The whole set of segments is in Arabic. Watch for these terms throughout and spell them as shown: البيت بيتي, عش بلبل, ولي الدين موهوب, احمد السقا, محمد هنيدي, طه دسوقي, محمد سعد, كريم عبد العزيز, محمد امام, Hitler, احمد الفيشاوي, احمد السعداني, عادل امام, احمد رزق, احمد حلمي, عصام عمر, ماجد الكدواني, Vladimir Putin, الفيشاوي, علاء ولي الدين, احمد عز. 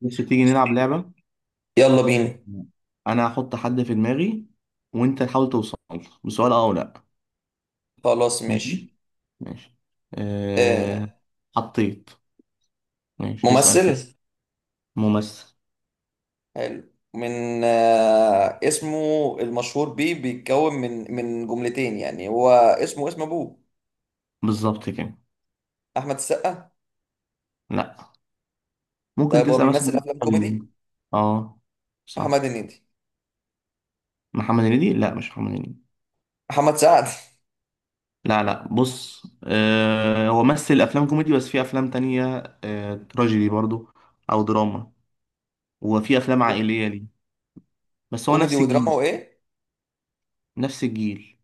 بص، تيجي نلعب لعبة. يلا بينا. أنا هحط حد في دماغي وأنت تحاول توصل له بسؤال أه أو لأ. خلاص ماشي. ماشي. ماشي. آه أه... حطيت. ماشي، اسأل كده. ممثل ممثل. حلو. من آه اسمه المشهور بيه بيتكون من جملتين، يعني هو اسمه اسم ابوه. بالظبط كده. احمد السقا؟ لأ، ممكن طيب هو تسأل مثلا. بيمثل افلام ال- كوميدي؟ أه، محمد صح. هنيدي؟ محمد هنيدي، لأ مش محمد هنيدي. محمد سعد؟ لا، لا، بص، هو مثل أفلام كوميدي بس في أفلام تانية. تراجيدي برضو، أو دراما، وفي أفلام كو- عائلية ليه. بس هو كوميدي نفس ودراما الجيل. وايه؟ نفس الجيل.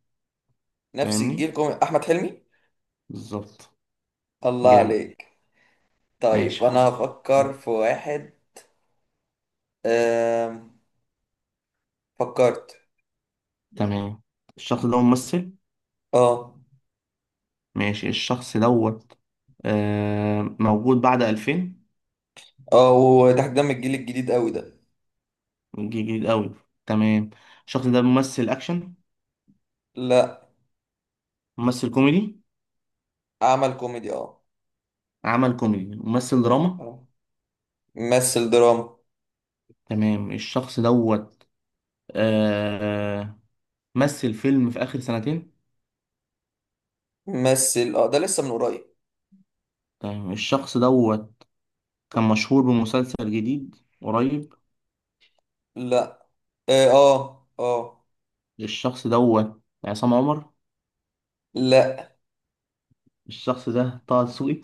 نفس فاهمني. الجيل كوميدي، احمد حلمي؟ بالظبط. الله جامد. عليك. ماشي، طيب حط. انا هفكر في واحد. آه، فكرت. تمام، الشخص ده ممثل. اه ماشي الشخص دوت. موجود بعد 2000. اه وده، ده من الجيل الجديد قوي ده؟ جديد قوي. تمام، الشخص ده ممثل اكشن. لا، ممثل كوميدي. عمل كوميدي. اه عمل كوميدي، ممثل دراما. اه، ممثل دراما. تمام الشخص دوت، آه مثل فيلم في اخر سنتين. ممثل، اه ده لسه من قريب. تمام الشخص دوت كان مشهور بمسلسل جديد قريب. لا. اه. الشخص دوت عصام عمر. لا. الشخص ده طه دسوقي.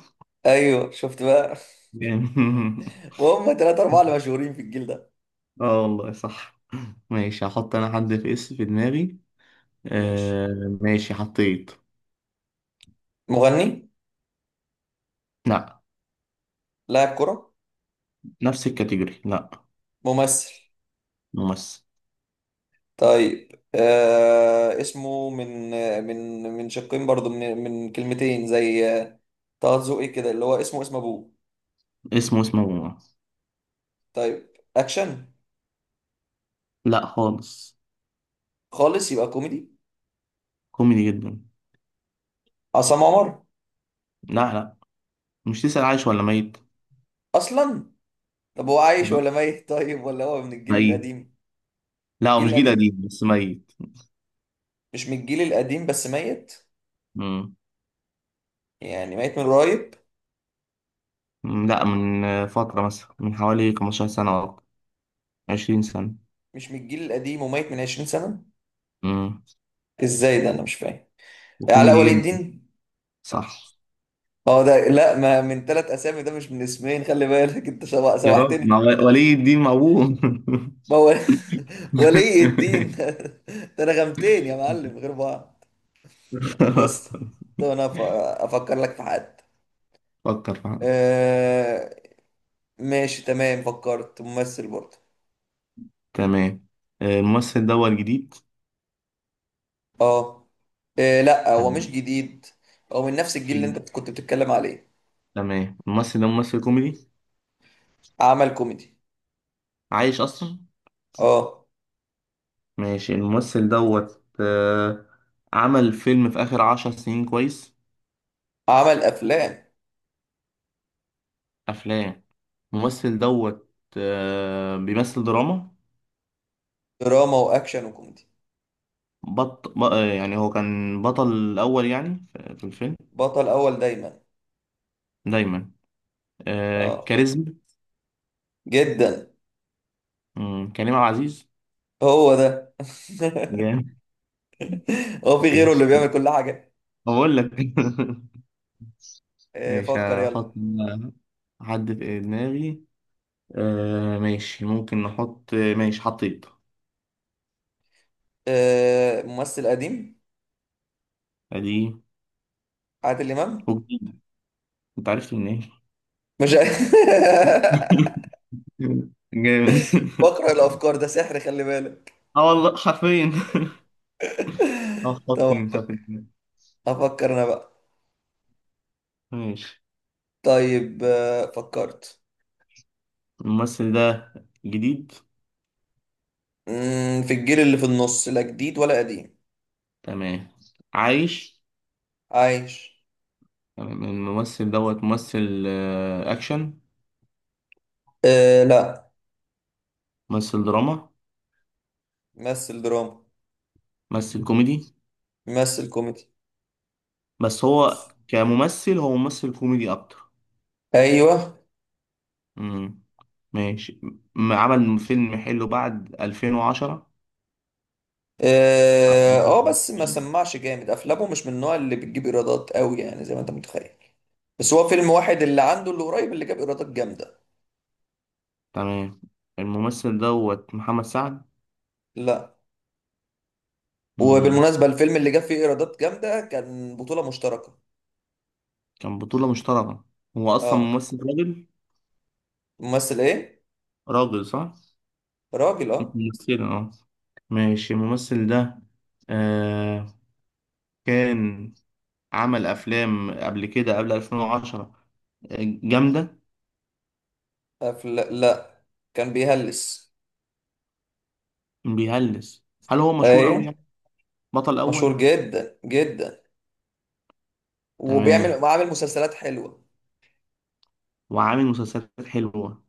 ايوه، شفت بقى؟ جامد. وهم تلاتة اربعة اللي مشهورين في الجيل ده. اه، والله صح. ماشي، هحط انا حد في دماغي. ماشي. آه ماشي، حطيت. مغني؟ لا. لاعب كرة؟ نفس الكاتيجوري، لا. ممثل؟ ممثل. طيب آه اسمه من من شقين برضو، من كلمتين، زي آه، طه دسوقي كده، اللي هو اسمه اسم ابوه. اسمه ممثل. طيب، اكشن؟ لا خالص. خالص، يبقى كوميدي. كوميدي جدا. عصام عمر؟ لا، لا، مش تسأل عايش ولا ميت. اصلا؟ طب هو عايش لا. ولا ميت؟ طيب، ولا هو من الجيل ميت. القديم؟ لا، من هو الجيل مش جيل قديم القديم؟ بس ميت. مش من الجيل القديم بس ميت؟ مم. يعني ميت من قريب؟ لا، من فترة مثلا من حوالي 15 سنة أو 20 سنة. مش من الجيل القديم وميت من 20 سنة؟ مم. ازاي ده؟ انا مش فاهم. علاء وكوميدي ولي جدا. الدين؟ صح. اه ده لا، ما من ثلاث اسامي، ده مش من اسمين، خلي بالك انت يا رب سوحتني مع كده. ولي الدين موهوب. ما هو ولي الدين ده انا غمتين يا معلم غير بعض. خلاص، بص، تمام. طب انا افكر لك في حد. فكر فعلا. آه. ماشي تمام، فكرت ممثل برضه. تمام. الممثل ده هو الجديد. اه. إيه؟ لا هو مش تمام. جديد. هو من نفس الجيل اللي في- انت كنت بتتكلم عليه. تمام الممثل ده ممثل كوميدي. عمل كوميدي. عايش أصلا. اه. ماشي الممثل دوت، عمل فيلم في آخر 10 سنين كويس. عمل افلام. أفلام. الممثل دوت، بيمثل دراما. دراما واكشن وكوميدي. بط... ب... آه، يعني هو كان بطل الأول، يعني في الفيلم. بطل اول دايما. دايما. اه، كاريزما. جدا. كريم عبد العزيز. هو ده؟ جامد. هو في غيره اللي ماشي، بيعمل كل حاجة؟ بقول لك. إيه، ماشي، فكر يلا. هحط. عدت دماغي. ماشي، ممكن نحط، ماشي، حطيت. إيه، ممثل قديم؟ ادي. عادل امام. وجديد. انت عرفت منين. مش جامد. بقرا الافكار، ده سحر، خلي بالك. اه والله حرفيا. اه، حط طب انت في دماغي. افكر انا بقى. ماشي، طيب آه، فكرت. الممثل ده جديد. مم، في الجيل اللي في النص، لا جديد ولا قديم. تمام. عايش. عايش. تمام الممثل دوت ممثل اكشن. آه لا. ممثل دراما. مثل دراما. ممثل كوميدي. مثل كوميدي. بس هو كممثل هو ممثل كوميدي اكتر. ايوه. امم ماشي. عمل فيلم حلو بعد 2010. اه آه، بس ما سمعش جامد، افلامه مش من النوع اللي بتجيب ايرادات قوي، يعني زي ما انت متخيل. بس هو فيلم واحد اللي عنده اللي قريب اللي جاب ايرادات جامده. تمام، الممثل دوت محمد سعد. لا. مم. وبالمناسبه الفيلم اللي جاب فيه ايرادات جامده كان بطوله مشتركه. كان بطولة مشتركة. هو أصلا اه. ممثل راجل. ممثل ايه؟ راجل، صح؟ راجل، مش اه. ممثلة، اه. ماشي الممثل ده آه كان عمل أفلام قبل كده، قبل 2010. آه، جامدة. لا، كان بيهلس. بيهلس، هل هو مشهور أوي ايه، يعني؟ بطل مشهور أول؟ جدا جدا، تمام. وبيعمل وعامل مسلسلات حلوة. وعامل مسلسلات حلوة.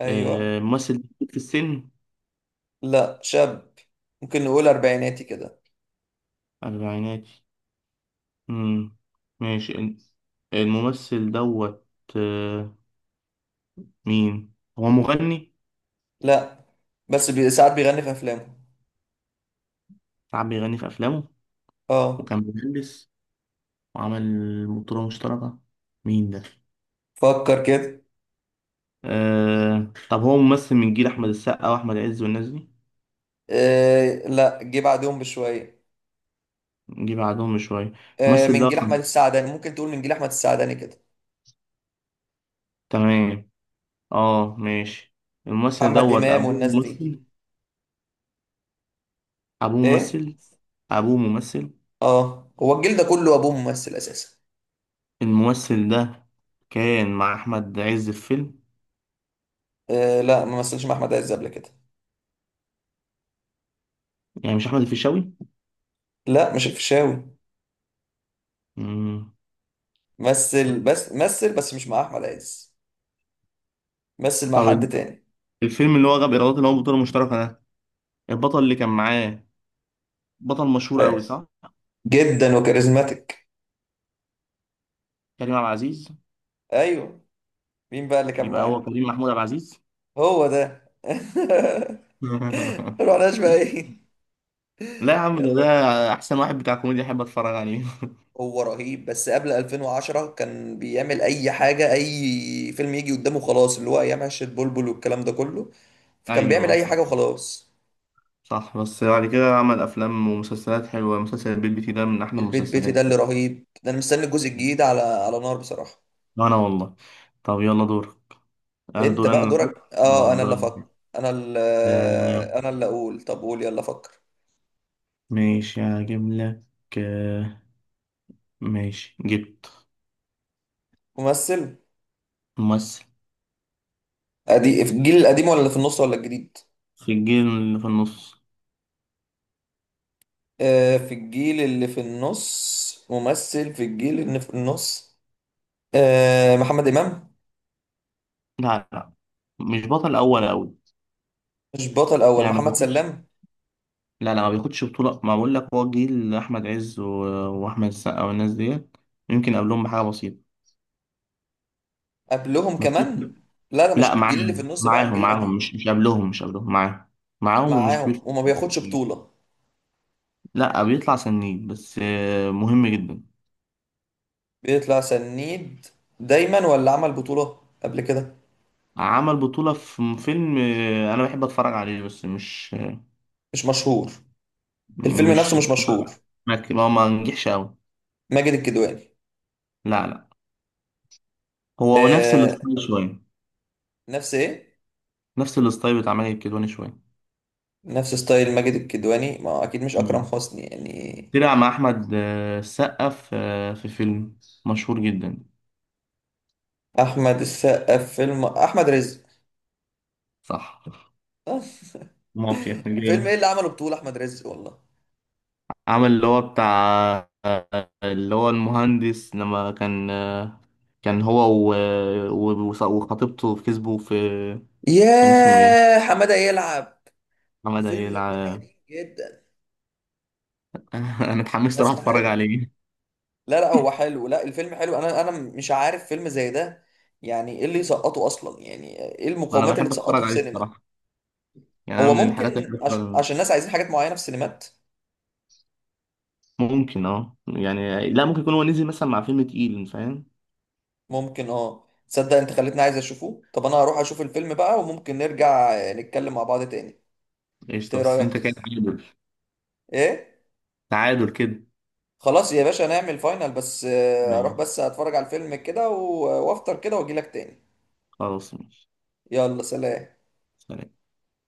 ايوه. ممثل في السن. لا شاب، ممكن نقول اربعيناتي كده. أربعيناتي. امم ماشي الممثل دوت، آه، مين؟ هو مغني؟ لا، بس ساعات بيغني في افلامه. ساعات بيغني في افلامه. اه. وكان مهندس، وعمل بطولة مشتركة. مين ده؟ فكر كده. طب هو ممثل من جيل احمد السقا واحمد عز والناس دي؟ آه لا، جه بعدهم بشوية. نجي بعدهم بشوية. آه الممثل من ده جيل احمد السعداني، ممكن تقول من جيل احمد السعداني كده. تمام. اه ماشي الممثل محمد دوت امام ابوه والناس دي. ممثل. ابوه ايه. ممثل. ابوه ممثل. اه هو الجيل ده كله ابوه ممثل اساسا. الممثل ده كان مع احمد عز في فيلم. آه لا، ما مثلش مع احمد عز قبل كده. يعني مش احمد الفيشاوي. لا مش الفيشاوي. مم. مثل بس، مثل بس مش مع احمد عز. مثل مع طب حد تاني. الفيلم اللي هو غاب إيرادات اللي هو بطولة مشتركة ده، البطل اللي كان معاه بطل مشهور أيوة. قوي، صح؟ جدا، وكاريزماتيك. كريم عبد العزيز. ايوه. مين بقى اللي كان يبقى هو معاك؟ كريم محمود عبد العزيز. هو ده. رحناش بقى، ايه؟ لا يا عم ده يلا. ده أحسن واحد بتاع كوميديا أحب أتفرج عليه. هو رهيب، بس قبل 2010 كان بيعمل اي حاجه، اي فيلم يجي قدامه خلاص، اللي هو ايام عشه بلبل والكلام ده كله. فكان بيعمل أيوه، اي صح. حاجه وخلاص. صح، بس بعد كده عمل أفلام ومسلسلات حلوة. مسلسل البيت بيتي ده من أحلى البيت بيتي ده المسلسلات. اللي رهيب ده، انا مستني الجزء الجديد على نار بصراحه. أنا والله. طب يلا دور. أنا انت دور، بقى أنا اللي دورك، أحط؟ اه أه، انا دور اللي أنا. افكر. انا اللي آه، انا اللي اقول. طب قول، يلا فكر. ماشي، هجيب لك. آه، ماشي، جبت. ممثل. ممثل. قديم في الجيل القديم ولا اللي في النص ولا الجديد؟ في الجيل اللي في النص. آه، في الجيل اللي في النص؟ ممثل في الجيل اللي في النص. آه، محمد إمام. لا، لا، مش بطل اول قوي. مش بطل أول، يعني ما محمد بياخدش. سلام. لا، لا، ما بياخدش بطولة، ما بقول لك هو جيل احمد عز واحمد السقا والناس ديت. يمكن قبلهم بحاجة بسيطة. قبلهم ما تقول- كمان؟ لا ده لا، مش الجيل اللي في معاهم النص بقى، معاهم الجيل معاهم، القديم. مش قبلهم، مش قبلهم، معاهم. معاهم ومش معاهم كبير. وما بياخدش بطولة. لا، بيطلع سنين بس، مهم جدا. بيطلع سنيد دايما، ولا عمل بطولة قبل كده؟ عمل بطولة في فيلم، انا بحب اتفرج عليه بس مش. مش مشهور. الفيلم نفسه مش. مش مشهور. ما ما نجحش قوي. ماجد الكدواني؟ لا، لا، هو نفس آه، الستايل شوية. نفس إيه؟ نفس الستايل بتاع ماجد الكدواني شوية. نفس ستايل ماجد الكدواني، ما هو أكيد مش أكرم مم. حسني يعني. طلع مع أحمد السقا في فيلم مشهور جدا. أحمد السقا في فيلم أحمد رزق؟ صح، مافيا فيلم ايه جامد. اللي عمله بطولة احمد رزق والله؟ عمل اللي هو المهندس لما كان هو و- وخطيبته كسبوا في. كان اسمه ايه؟ ياه، حمادة يلعب؟ محمد الفيلم ده هيلع. قديم جدا، انا اتحمست اروح بس اتفرج حلو. عليه. لا لا هو حلو، لا الفيلم حلو، انا مش عارف فيلم زي ده، يعني ايه اللي يسقطه اصلا، يعني ايه انا المقومات اللي بحب اتفرج تسقطه في عليه سينما. بصراحة. يعني أنا هو من الحاجات اللي بحب ممكن اتفرج عليها. عشان الناس عايزين حاجات معينة في السينمات. ممكن، يعني لا، ممكن يكون هو نزل مثلا مع فيلم تقيل، فاهم؟ ممكن اه. تصدق انت خليتني عايز اشوفه؟ طب انا هروح اشوف الفيلم بقى، وممكن نرجع نتكلم مع بعض تاني. إنت قشطة، ايه بس رأيك؟ انت كده تعادل. ايه؟ تعادل كده. خلاص يا باشا نعمل فاينل، بس آه، اروح ماشي، بس اتفرج على الفيلم كده آه، وافطر كده واجيلك تاني. خلاص، ماشي. يلا سلام. سلام.